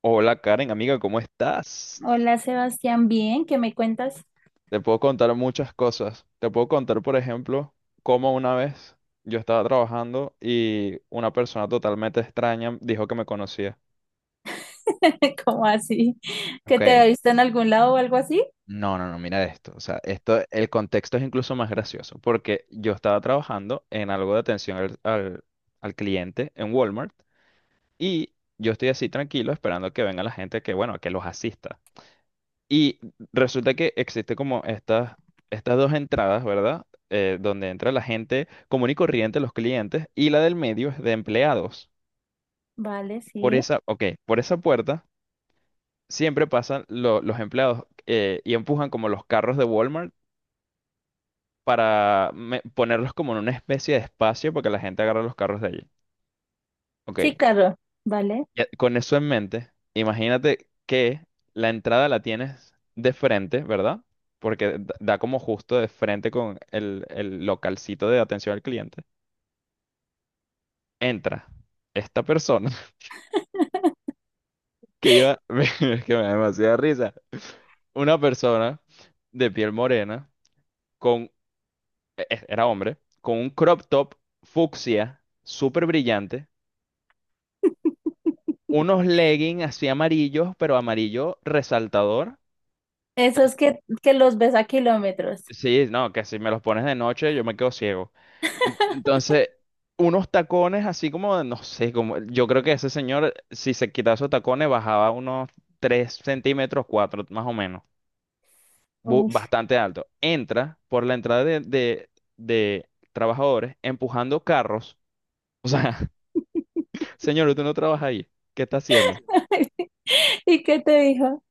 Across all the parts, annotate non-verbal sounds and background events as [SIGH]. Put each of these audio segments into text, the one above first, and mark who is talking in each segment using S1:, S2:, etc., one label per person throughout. S1: Hola Karen, amiga, ¿cómo estás?
S2: Hola Sebastián, bien, ¿qué me cuentas?
S1: Te puedo contar muchas cosas. Te puedo contar, por ejemplo, cómo una vez yo estaba trabajando y una persona totalmente extraña dijo que me conocía.
S2: [LAUGHS] ¿Cómo así? ¿Que
S1: Ok,
S2: te había visto en algún lado o algo así?
S1: no, no, no, mira esto. O sea, esto, el contexto es incluso más gracioso, porque yo estaba trabajando en algo de atención al cliente en Walmart y yo estoy así tranquilo esperando que venga la gente que, bueno, que los asista. Y resulta que existe como estas dos entradas, ¿verdad? Donde entra la gente común y corriente, los clientes, y la del medio es de empleados.
S2: Vale,
S1: Por
S2: sí.
S1: esa, ok, por esa puerta siempre pasan los empleados, y empujan como los carros de Walmart para ponerlos como en una especie de espacio para que la gente agarre los carros de allí.
S2: Sí,
S1: Ok,
S2: claro, vale.
S1: ya, con eso en mente, imagínate que la entrada la tienes de frente, ¿verdad? Porque da como justo de frente con el localcito de atención al cliente. Entra esta persona [LAUGHS] que iba, [LAUGHS] es que me da demasiada risa. Una persona de piel morena, con, era hombre, con un crop top fucsia, súper brillante,
S2: [LAUGHS]
S1: unos leggings así amarillos, pero amarillo resaltador.
S2: Esos que los ves a kilómetros.
S1: Sí, no, que si me los pones de noche yo me quedo ciego. Entonces, unos tacones así como, no sé, como, yo creo que ese señor, si se quitaba esos tacones, bajaba unos 3 centímetros, 4 más o menos,
S2: Uy.
S1: bastante alto. Entra por la entrada de trabajadores empujando carros. O sea, [LAUGHS]
S2: [LAUGHS]
S1: señor, usted no trabaja ahí. ¿Qué está haciendo?
S2: ¿Y qué te dijo?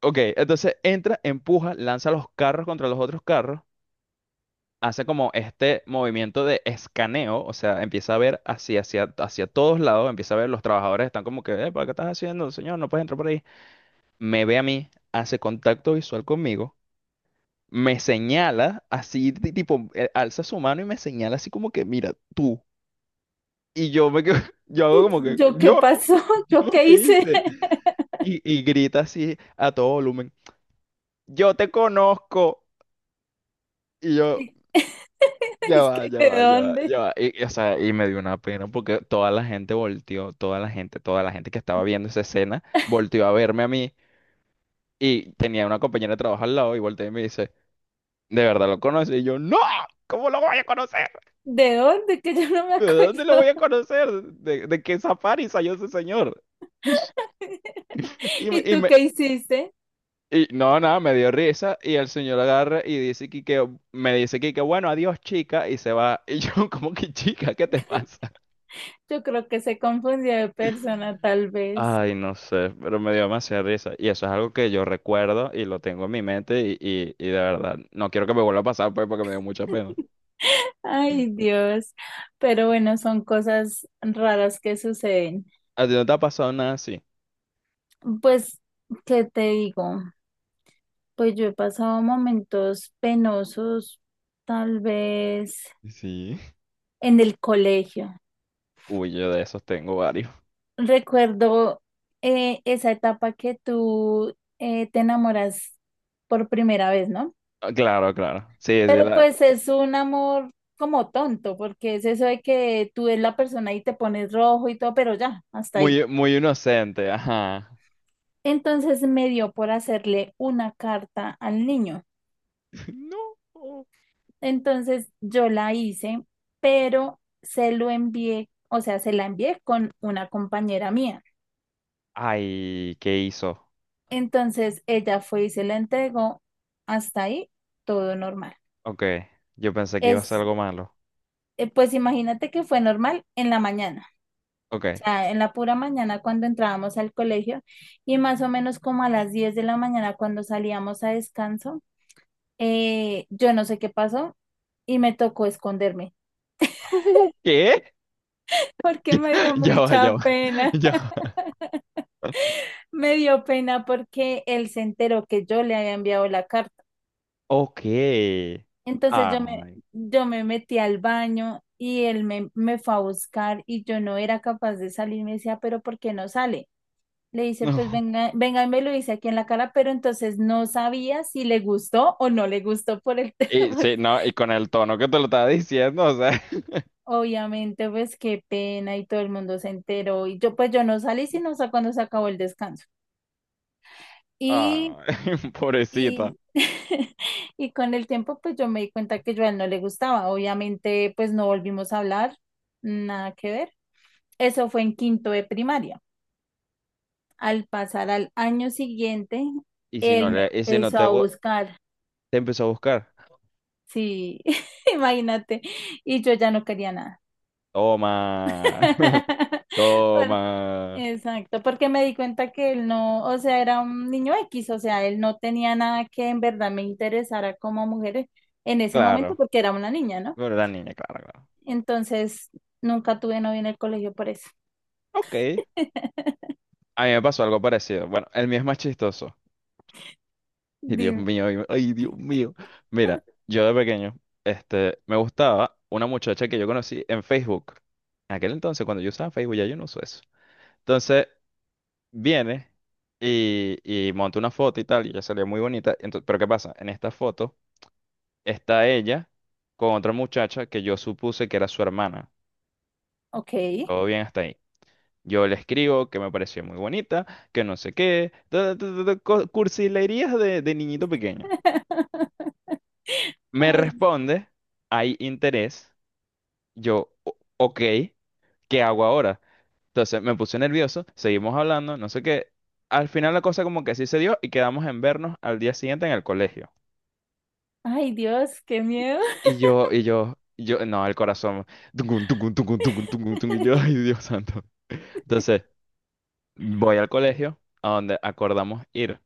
S1: Ok, entonces entra, empuja, lanza los carros contra los otros carros. Hace como este movimiento de escaneo, o sea, empieza a ver hacia todos lados, empieza a ver los trabajadores están como que, "Epa, ¿qué estás haciendo, señor? No puedes entrar por ahí". Me ve a mí, hace contacto visual conmigo, me señala así, tipo, alza su mano y me señala así como que, mira, tú. Y yo me quedo, [LAUGHS] yo hago como que,
S2: ¿Yo qué pasó? [LAUGHS]
S1: yo,
S2: ¿Yo qué
S1: ¿qué
S2: hice?
S1: hice?
S2: [LAUGHS]
S1: Y grita así a todo volumen, yo te conozco. Y yo,
S2: Y- [LAUGHS]
S1: ya
S2: Es
S1: va,
S2: que,
S1: ya
S2: ¿de
S1: va, ya va,
S2: dónde?
S1: ya va. O sea, y me dio una pena porque toda la gente volteó, toda la gente que estaba viendo esa escena volteó a verme a mí y tenía una compañera de trabajo al lado y volteó y me dice, ¿de verdad lo conoces? Y yo, ¡no! ¿Cómo lo voy a conocer?
S2: ¿De dónde? Que yo no me
S1: ¿De dónde lo voy
S2: acuerdo.
S1: a conocer? De qué safari salió ese señor? [LAUGHS]
S2: [LAUGHS]
S1: Y me,
S2: ¿Y
S1: y
S2: tú
S1: me-
S2: qué hiciste?
S1: y no, nada, me dio risa y el señor agarra y dice que, me dice que bueno, adiós chica y se va. Y yo [LAUGHS] como que chica, ¿qué te pasa?
S2: Yo creo que se confundió de persona, tal vez.
S1: Ay, no sé, pero me dio demasiada risa. Y eso es algo que yo recuerdo y lo tengo en mi mente y de verdad, no quiero que me vuelva a pasar pues porque me dio mucha pena.
S2: Ay, Dios. Pero bueno, son cosas raras que suceden.
S1: ¿A ti no te ha pasado nada así?
S2: Pues, ¿qué te digo? Pues yo he pasado momentos penosos, tal vez
S1: Sí.
S2: en el colegio.
S1: Uy, yo de esos tengo varios.
S2: Recuerdo esa etapa que tú te enamoras por primera vez, ¿no?
S1: Ah, claro, claro. Sí, sí,
S2: Pero pues es un amor como tonto, porque es eso de que tú ves la persona y te pones rojo y todo, pero ya, hasta ahí.
S1: muy, muy inocente, ajá.
S2: Entonces me dio por hacerle una carta al niño.
S1: [LAUGHS] No.
S2: Entonces yo la hice, pero se lo envié, o sea, se la envié con una compañera mía.
S1: Ay, ¿qué hizo?
S2: Entonces ella fue y se la entregó. Hasta ahí, todo normal.
S1: Ok, yo pensé que iba a ser
S2: Es,
S1: algo malo.
S2: pues imagínate que fue normal en la mañana.
S1: Ok.
S2: Sea, en la pura mañana cuando entrábamos al colegio y más o menos como a las 10 de la mañana cuando salíamos a descanso, yo no sé qué pasó y me tocó esconderme
S1: [LAUGHS] ¿Qué?
S2: [LAUGHS] porque me
S1: [LAUGHS]
S2: dio
S1: Ya
S2: mucha
S1: va,
S2: pena,
S1: [LAUGHS] ya va.
S2: [LAUGHS] me dio pena porque él se enteró que yo le había enviado la carta.
S1: Ok.
S2: Entonces
S1: Ay,
S2: yo me metí al baño y me fue a buscar y yo no era capaz de salir, me decía, pero ¿por qué no sale? Le
S1: [LAUGHS]
S2: dice,
S1: no.
S2: pues venga, venga, y me lo dice aquí en la cara, pero entonces no sabía si le gustó o no le gustó por el [LAUGHS]
S1: Y
S2: tema.
S1: sí, no, y con el tono que te lo estaba diciendo, o sea, [LAUGHS]
S2: Obviamente, pues qué pena y todo el mundo se enteró. Y yo, pues yo no salí sino hasta cuando se acabó el descanso. Y,
S1: ay, [LAUGHS] pobrecita.
S2: y, [LAUGHS] y con el tiempo, pues yo me di cuenta que yo a él no le gustaba. Obviamente, pues no volvimos a hablar, nada que ver. Eso fue en quinto de primaria. Al pasar al año siguiente,
S1: Y si no
S2: él me
S1: le, y si no
S2: empezó
S1: te,
S2: a buscar.
S1: te empezó a buscar,
S2: Sí, [LAUGHS] imagínate. Y yo ya no quería nada.
S1: toma, [LAUGHS]
S2: [LAUGHS] Por-
S1: toma,
S2: exacto, porque me di cuenta que él no, o sea, era un niño X, o sea, él no tenía nada que en verdad me interesara como mujer en ese momento
S1: claro,
S2: porque era una niña, ¿no?
S1: pero la niña, claro, claro.
S2: Entonces, nunca tuve novio en el colegio por eso.
S1: Ok,
S2: [LAUGHS]
S1: a mí me pasó algo parecido. Bueno, el mío es más chistoso. [LAUGHS] Y Dios
S2: Dime.
S1: mío, ay, Dios mío. Mira, yo de pequeño, este, me gustaba una muchacha que yo conocí en Facebook. En aquel entonces, cuando yo usaba Facebook, ya yo no uso eso. Entonces, viene y monta una foto y tal, y ella salía muy bonita. Entonces, pero ¿qué pasa? En esta foto está ella con otra muchacha que yo supuse que era su hermana.
S2: Ok.
S1: Todo bien hasta ahí. Yo le escribo que me pareció muy bonita, que no sé qué, ta, ta, ta, ta, cursilerías de niñito pequeño.
S2: [LAUGHS]
S1: Me
S2: Ay,
S1: responde, hay interés. Yo, ok, ¿qué hago ahora?" Entonces me puse nervioso, seguimos hablando, no sé qué. Al final la cosa como que sí se dio y quedamos en vernos al día siguiente en el colegio.
S2: ay, Dios, qué miedo.
S1: Y yo, no, el corazón, tungun, tungun, tungun, tungun, tungun, tungun, y yo, [LAUGHS] ay,
S2: [LAUGHS]
S1: Dios santo. Entonces, voy al colegio a donde acordamos ir.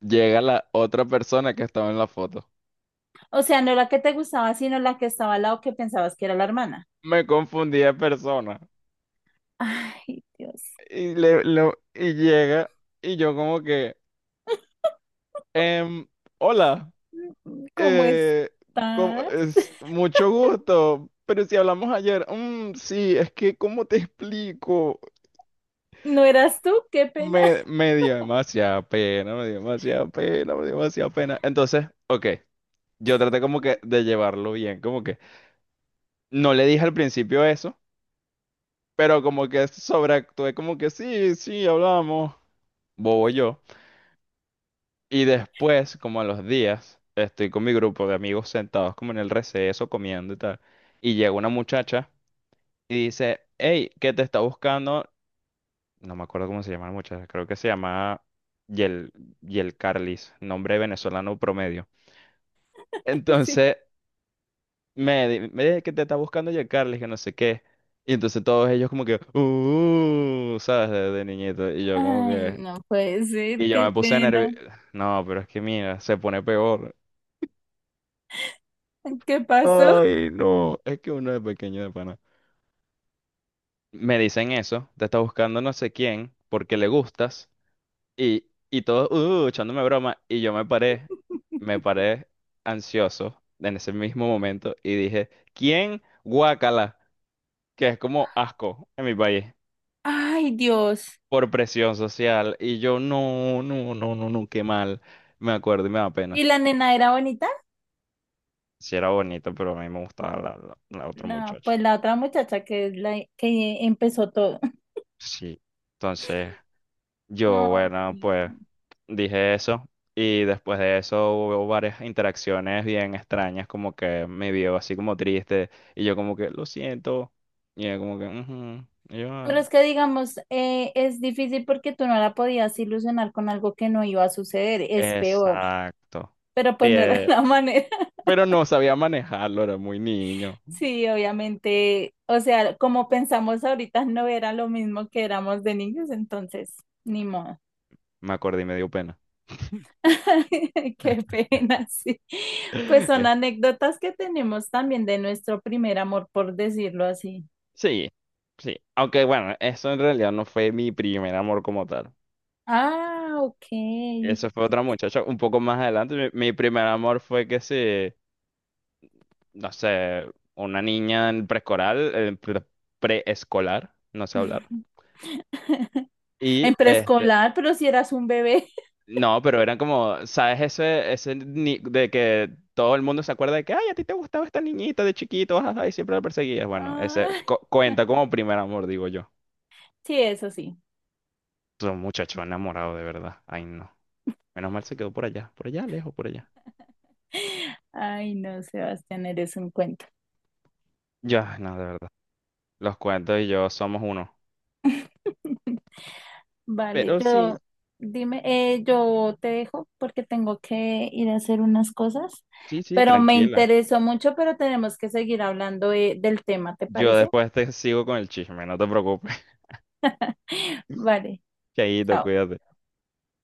S1: Llega la otra persona que estaba en la foto.
S2: O sea, no la que te gustaba, sino la que estaba al lado que pensabas que era la hermana.
S1: Me confundí de persona.
S2: Ay, Dios.
S1: Y llega, y yo como que, em, hola,
S2: ¿Cómo
S1: eh, ¿cómo
S2: estás?
S1: es, mucho gusto, pero si hablamos ayer, sí, es que, ¿cómo te explico?
S2: ¿No eras tú? Qué pena.
S1: Me,
S2: [LAUGHS]
S1: me dio demasiada pena, me dio demasiada pena, me dio demasiada pena. Entonces, ok, yo traté como que de llevarlo bien, como que no le dije al principio eso, pero como que sobreactué, como que sí, sí, hablamos, bobo yo. Y después, como a los días, estoy con mi grupo de amigos sentados como en el receso, comiendo y tal, y llega una muchacha y dice, hey, ¿qué te está buscando? No me acuerdo cómo se llama la muchacha, creo que se llama Yel, Yel Carlis, nombre venezolano promedio.
S2: Sí.
S1: Entonces me dije que te está buscando ya Carly, que no sé qué. Y entonces todos ellos como que, "uh, ¿sabes? De niñito. Y yo como
S2: Ay,
S1: que...
S2: no puede
S1: Y
S2: ser,
S1: yo
S2: qué
S1: me puse
S2: pena.
S1: nervioso. No, pero es que mira, se pone peor.
S2: ¿Qué pasó?
S1: Ay, no. Es que uno es pequeño de pana. Me dicen eso, te está buscando no sé quién, porque le gustas. Y todos, "uh, echándome broma. Y yo me paré ansioso en ese mismo momento y dije, ¿quién? Guácala. Que es como asco en mi país,
S2: Ay, Dios.
S1: por presión social. Y yo, no, no, no, no, no, qué mal. Me acuerdo y me da pena.
S2: ¿Y la nena era bonita?
S1: Sí era bonito, pero a mí me gustaba la otra
S2: La,
S1: muchacha.
S2: pues la otra muchacha que es la que empezó todo.
S1: Sí. Entonces,
S2: [LAUGHS]
S1: yo, bueno, pues
S2: Ay,
S1: dije eso. Y después de eso hubo varias interacciones bien extrañas, como que me vio así como triste. Y yo como que, lo siento. Y ella como que, "ujú". Y yo, "ah".
S2: pero es que digamos, es difícil porque tú no la podías ilusionar con algo que no iba a suceder. Es peor.
S1: Exacto.
S2: Pero pues no era [LAUGHS]
S1: Eh,
S2: la manera.
S1: pero no sabía manejarlo, era muy niño.
S2: Sí, obviamente, o sea, como pensamos ahorita, no era lo mismo que éramos de niños, entonces, ni modo.
S1: Me acordé y me dio pena.
S2: [LAUGHS] Qué
S1: [LAUGHS]
S2: pena, sí. Pues son
S1: Eh,
S2: anécdotas que tenemos también de nuestro primer amor, por decirlo así.
S1: Sí, sí. Aunque bueno, eso en realidad no fue mi primer amor como tal.
S2: Ah, ok.
S1: Eso fue otra muchacha un poco más adelante. Mi primer amor fue que se, no sé, una niña en preescolar, preescolar, no sé hablar.
S2: [LAUGHS]
S1: Y
S2: En
S1: este,
S2: preescolar, pero si eras un bebé. [LAUGHS]
S1: no, pero eran como, ¿sabes? Ese de que todo el mundo se acuerda de que, ay, a ti te gustaba esta niñita de chiquito, ajá, y siempre la perseguías. Bueno, ese
S2: Ah,
S1: cuenta como primer amor, digo yo.
S2: sí, eso sí.
S1: Son muchachos enamorados, de verdad. Ay, no. Menos mal se quedó por allá, lejos, por allá.
S2: Ay, no, Sebastián, eres un cuento.
S1: Ya, no, de verdad. Los cuentos y yo somos uno.
S2: Vale,
S1: Pero sí,
S2: yo, dime, yo te dejo porque tengo que ir a hacer unas cosas,
S1: sí, sí,
S2: pero me
S1: tranquila.
S2: interesó mucho, pero tenemos que seguir hablando de- del tema, ¿te
S1: Yo
S2: parece?
S1: después te sigo con el chisme, no te preocupes. [LAUGHS]
S2: Vale,
S1: Chaito,
S2: chao.
S1: cuídate.